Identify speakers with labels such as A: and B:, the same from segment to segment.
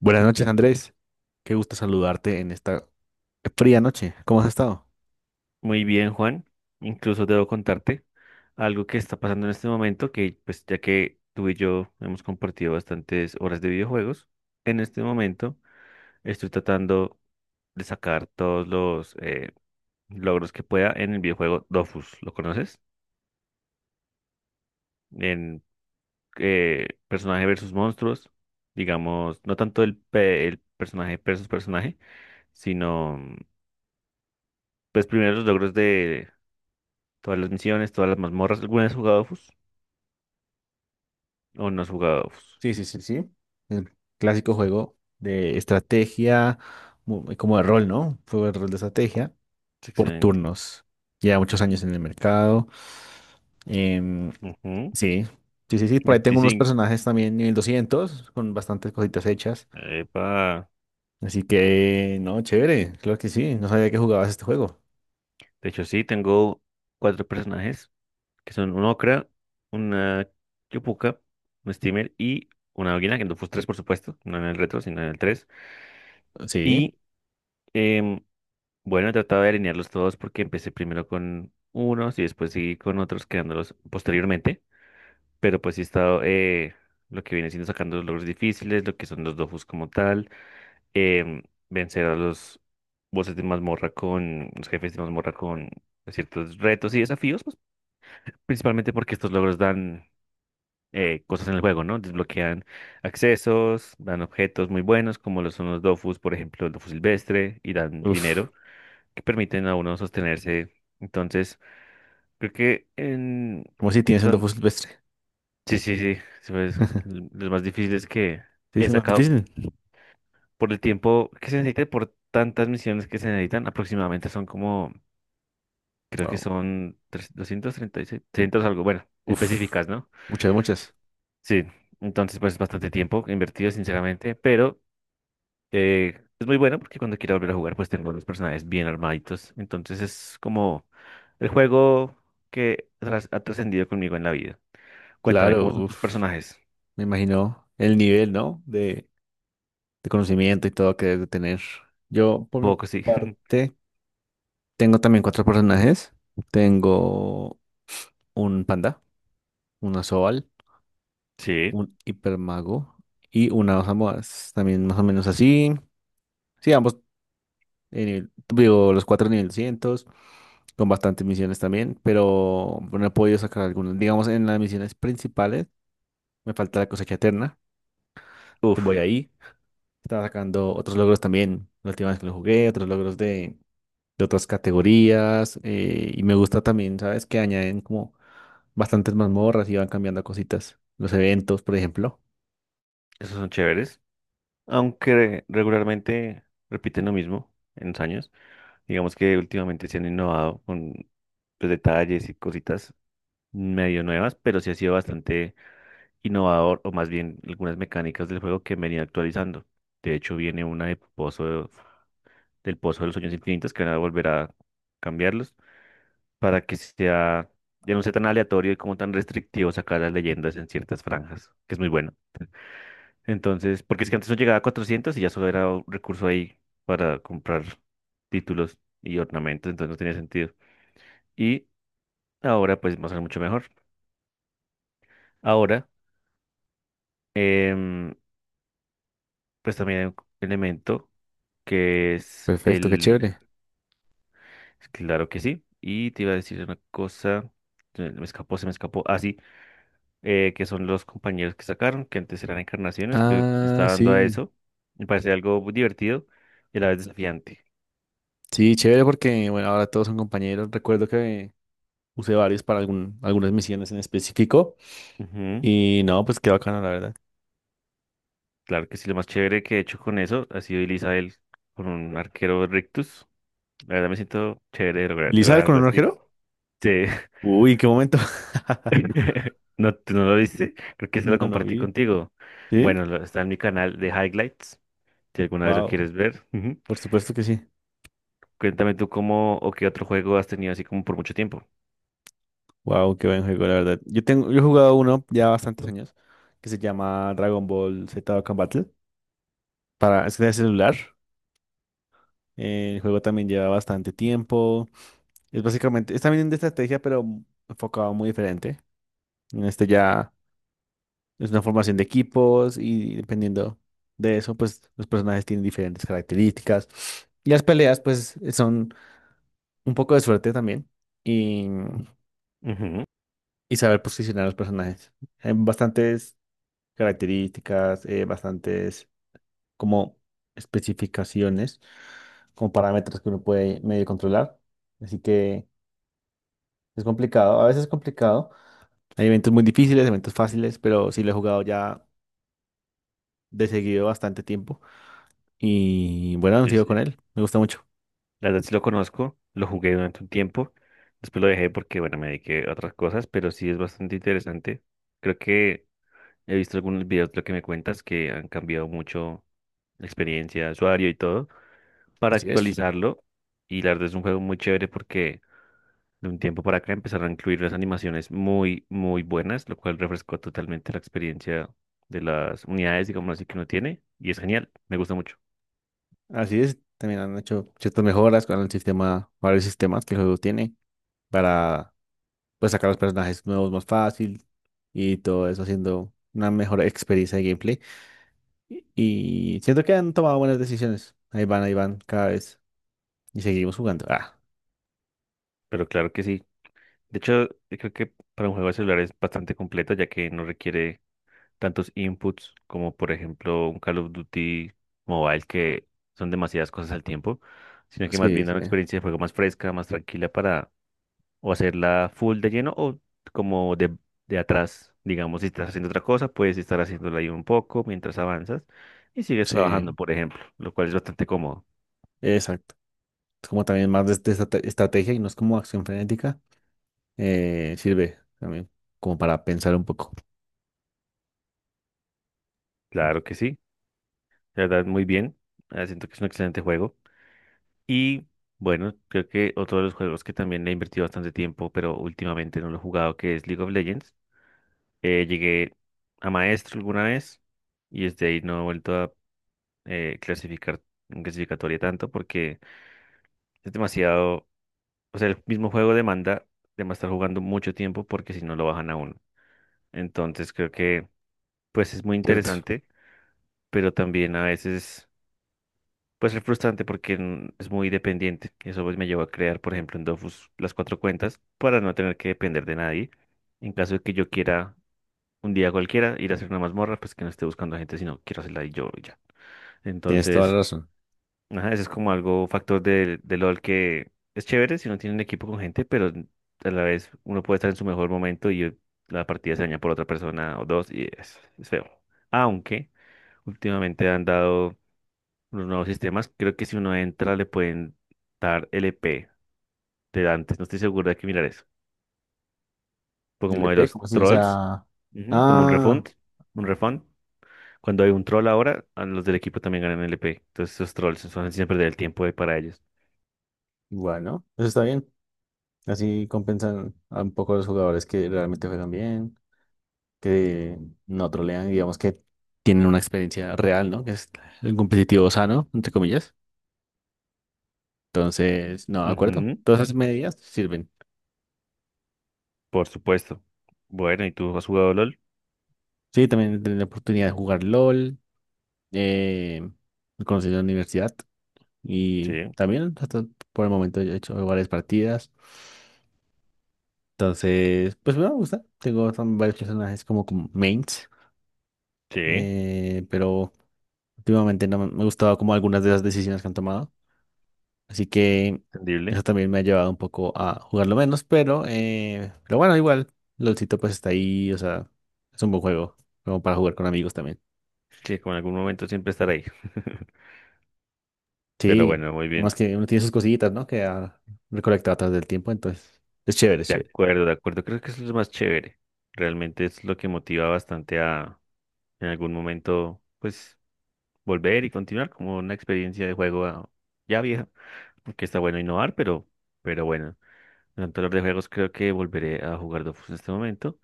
A: Buenas noches, Andrés. Qué gusto saludarte en esta fría noche. ¿Cómo has estado?
B: Muy bien, Juan. Incluso debo contarte algo que está pasando en este momento, que pues ya que tú y yo hemos compartido bastantes horas de videojuegos, en este momento estoy tratando de sacar todos los logros que pueda en el videojuego Dofus. ¿Lo conoces? En personaje versus monstruos, digamos, no tanto el personaje versus personaje, sino pues primero los logros de todas las misiones, todas las mazmorras. ¿Alguna vez has jugado Dofus? O no has jugado. Uf,
A: Sí, sí, sí, sí. El clásico juego de estrategia, como de rol, ¿no? Juego de rol de estrategia
B: es
A: por
B: excelente.
A: turnos. Lleva muchos años en el mercado. Em,
B: Ujú.
A: sí, sí, sí, sí. Por ahí tengo unos
B: 25.
A: personajes también nivel 200 con bastantes cositas hechas.
B: Epa.
A: Así que no, chévere. Claro que sí. No sabía que jugabas este juego.
B: De hecho, sí, tengo cuatro personajes, que son un Okra, una Yopuka, un Steamer y una Águila, que no fue tres, por supuesto, no en el retro, sino en el tres.
A: Sí.
B: Y em, bueno, he tratado de alinearlos todos porque empecé primero con unos y después seguí con otros, creándolos posteriormente. Pero pues sí he estado lo que viene siendo sacando los logros difíciles, lo que son los dofus como tal, em, vencer a los bosses de mazmorra con, los jefes de mazmorra con ciertos retos y desafíos, pues, principalmente porque estos logros dan cosas en el juego, ¿no? Desbloquean accesos, dan objetos muy buenos, como lo son los dofus, por ejemplo, el dofus silvestre, y dan
A: Uf.
B: dinero que permiten a uno sostenerse. Entonces, creo que en...
A: ¿Cómo si tienes el
B: don-
A: Dofus Silvestre?
B: Sí, sí, sí, sí, pues, lo más difíciles que
A: Sí,
B: he
A: es más
B: sacado
A: difícil.
B: por el tiempo que se necesita, y por tantas misiones que se necesitan, aproximadamente son como, creo que
A: Wow.
B: son 236, 300 algo, bueno,
A: Uf.
B: específicas, ¿no?
A: Muchas, muchas.
B: Sí, entonces pues es bastante tiempo invertido, sinceramente, pero es muy bueno porque cuando quiero volver a jugar pues tengo los personajes bien armaditos, entonces es como el juego que ha trascendido conmigo en la vida. Cuéntame,
A: Claro,
B: ¿cómo son tus
A: uf.
B: personajes?
A: Me imagino el nivel, ¿no? De conocimiento y todo que debe tener. Yo, por mi
B: Poco, sí.
A: parte, tengo también cuatro personajes. Tengo un panda, una Sobal,
B: Sí,
A: un hipermago y una dos amoas. También más o menos así. Sí, ambos, digo, los cuatro nivel 200, con bastantes misiones también, pero no he podido sacar algunas. Digamos, en las misiones principales me falta la cosecha eterna. Entonces
B: uff,
A: voy ahí. Estaba sacando otros logros también, la última vez que lo jugué, otros logros de otras categorías. Y me gusta también, ¿sabes? Que añaden como bastantes mazmorras y van cambiando cositas. Los eventos, por ejemplo.
B: esos son chéveres. Aunque regularmente repiten lo mismo en los años, digamos que últimamente se han innovado con, pues, detalles y cositas medio nuevas, pero sí ha sido bastante innovador, o más bien algunas mecánicas del juego que venía actualizando. De hecho, viene una de Pozo, del Pozo de los Sueños Infinitos que van a volver a cambiarlos para que sea, ya no sea tan aleatorio y como tan restrictivo sacar las leyendas en ciertas franjas, que es muy bueno. Entonces, porque es que antes no llegaba a 400 y ya solo era un recurso ahí para comprar títulos y ornamentos, entonces no tenía sentido. Y ahora pues va a ser mucho mejor. Ahora, em, pues también hay un elemento que es
A: Perfecto, qué
B: el...
A: chévere.
B: Claro que sí. Y te iba a decir una cosa, se me escapó, se me escapó. Ah, sí, que son los compañeros que sacaron, que antes eran encarnaciones, que
A: Ah,
B: está dando a
A: sí.
B: eso. Me parece algo muy divertido y a la vez desafiante.
A: Sí, chévere porque bueno, ahora todos son compañeros. Recuerdo que usé varios para algunas misiones en específico.
B: Ujú.
A: Y no, pues qué bacano, la verdad.
B: Claro que sí, lo más chévere que he hecho con eso ha sido Elizabeth con un arquero rictus. La verdad me siento chévere de lograr
A: ¿Lizar con
B: algo
A: un
B: así.
A: arquero?
B: Sí.
A: Uy, qué momento.
B: ¿No, tú no lo viste? Creo que se lo
A: No, no
B: compartí
A: vi.
B: contigo.
A: ¿Sí?
B: Bueno, está en mi canal de Highlights, si alguna vez lo
A: Wow,
B: quieres ver. Ujú.
A: por supuesto que sí.
B: Cuéntame tú cómo o qué otro juego has tenido así como por mucho tiempo.
A: Wow, qué buen juego, la verdad. Yo he jugado uno ya bastantes años que se llama Dragon Ball Z Dokkan Battle para es de celular. El juego también lleva bastante tiempo. Es básicamente, es también de estrategia, pero enfocado muy diferente. En este ya es una formación de equipos y dependiendo de eso, pues los personajes tienen diferentes características. Y las peleas, pues, son un poco de suerte también y,
B: Ujú.
A: y saber posicionar a los personajes. Hay bastantes características, bastantes como especificaciones, como parámetros que uno puede medio controlar. Así que es complicado, a veces es complicado. Hay eventos muy difíciles, eventos fáciles, pero sí lo he jugado ya de seguido bastante tiempo. Y bueno, han
B: Sí,
A: sido con
B: sí.
A: él, me gusta mucho.
B: La verdad sí lo conozco, lo jugué durante un tiempo, después lo dejé porque, bueno, me dediqué a otras cosas, pero sí es bastante interesante. Creo que he visto algunos videos de lo que me cuentas que han cambiado mucho la experiencia de usuario y todo para
A: Así es,
B: actualizarlo. Y la verdad es un juego muy chévere porque de un tiempo para acá empezaron a incluir las animaciones muy, muy buenas, lo cual refrescó totalmente la experiencia de las unidades, digamos así, que uno tiene. Y es genial, me gusta mucho.
A: así es. También han hecho ciertas mejoras con el sistema, varios sistemas que el juego tiene para pues, sacar los personajes nuevos más fácil y todo eso haciendo una mejor experiencia de gameplay. Y y siento que han tomado buenas decisiones. Ahí van, cada vez. Y seguimos jugando. Ah,
B: Pero claro que sí. De hecho, yo creo que para un juego de celular es bastante completo ya que no requiere tantos inputs como por ejemplo un Call of Duty Mobile, que son demasiadas cosas al tiempo, sino que más
A: sí,
B: bien da
A: sí,
B: una experiencia de juego más fresca, más tranquila para o hacerla full de lleno o como de atrás, digamos, si estás haciendo otra cosa, puedes estar haciéndola ahí un poco mientras avanzas y sigues trabajando,
A: sí,
B: por ejemplo, lo cual es bastante cómodo.
A: exacto. Es como también más de estrategia y no es como acción frenética. Sirve también como para pensar un poco,
B: Claro que sí, la verdad muy bien, siento que es un excelente juego, y bueno, creo que otro de los juegos que también le he invertido bastante tiempo, pero últimamente no lo he jugado, que es League of Legends. Llegué a maestro alguna vez y desde ahí no he vuelto a clasificar en clasificatoria tanto porque es demasiado, o sea, el mismo juego demanda de más estar jugando mucho tiempo porque si no lo bajan a uno. Entonces creo que pues es muy
A: ¿cierto?
B: interesante, pero también a veces puede ser frustrante porque es muy dependiente. Y eso pues me llevó a crear, por ejemplo, en Dofus las cuatro cuentas para no tener que depender de nadie. En caso de que yo quiera un día cualquiera ir a hacer una mazmorra, pues que no esté buscando a gente, sino quiero hacerla y yo y ya.
A: Tienes toda la
B: Entonces,
A: razón.
B: ajá, eso es como algo factor del de LOL, que es chévere si no tienen equipo con gente, pero a la vez uno puede estar en su mejor momento y la partida se daña por otra persona o dos y es feo. Aunque últimamente han dado unos nuevos sistemas, creo que si uno entra le pueden dar LP de antes, no estoy seguro de que mirar eso. Pero
A: ¿El
B: como de
A: EP,
B: los
A: como así? O
B: trolls,
A: sea,
B: ujú, como un
A: ah,
B: refund, un refund. Cuando hay un troll ahora, a los del equipo también ganan LP. Entonces esos trolls son siempre del tiempo para ellos.
A: bueno, eso está bien. Así compensan a un poco a los jugadores que realmente juegan bien, que no trolean, digamos que tienen una experiencia real, ¿no? Que es el competitivo sano, entre comillas. Entonces, no, de acuerdo.
B: Ujú,
A: Todas esas medidas sirven.
B: por supuesto. Bueno, ¿y tú has jugado LOL?
A: Sí, también tener la oportunidad de jugar LOL, eh, conocer la universidad y
B: Sí,
A: también hasta por el momento yo he hecho varias partidas. Entonces, pues me gusta. Tengo varios personajes como, como mains,
B: sí,
A: pero últimamente no me ha gustado como algunas de las decisiones que han tomado. Así que
B: entendible.
A: eso también me ha llevado un poco a jugarlo menos, pero bueno, igual, LOLcito pues está ahí, o sea, es un buen juego, como para jugar con amigos también.
B: Sí, como en algún momento siempre estar ahí. Pero
A: Sí,
B: bueno, muy bien.
A: además que uno tiene sus cosillitas, ¿no? Que ha recolectado a través del tiempo, entonces es chévere, es
B: De
A: chévere.
B: acuerdo, de acuerdo. Creo que eso es lo más chévere. Realmente es lo que motiva bastante a en algún momento, pues, volver y continuar como una experiencia de juego, ya vieja. Porque está bueno innovar, pero bueno. Durante los de juegos creo que volveré a jugar Dofus en este momento.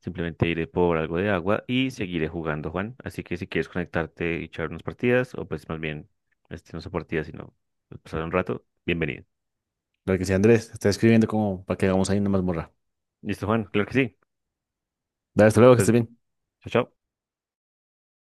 B: Simplemente iré por algo de agua y seguiré jugando, Juan. Así que si quieres conectarte y echar unas partidas, o pues más bien, este no son partidas, sino pues, pasar un rato, bienvenido.
A: Claro que sí, Andrés, está escribiendo como para que hagamos ahí una mazmorra.
B: ¿Listo, Juan? Claro que sí.
A: Dale, hasta luego, que
B: Pues,
A: estés bien.
B: chao, chao.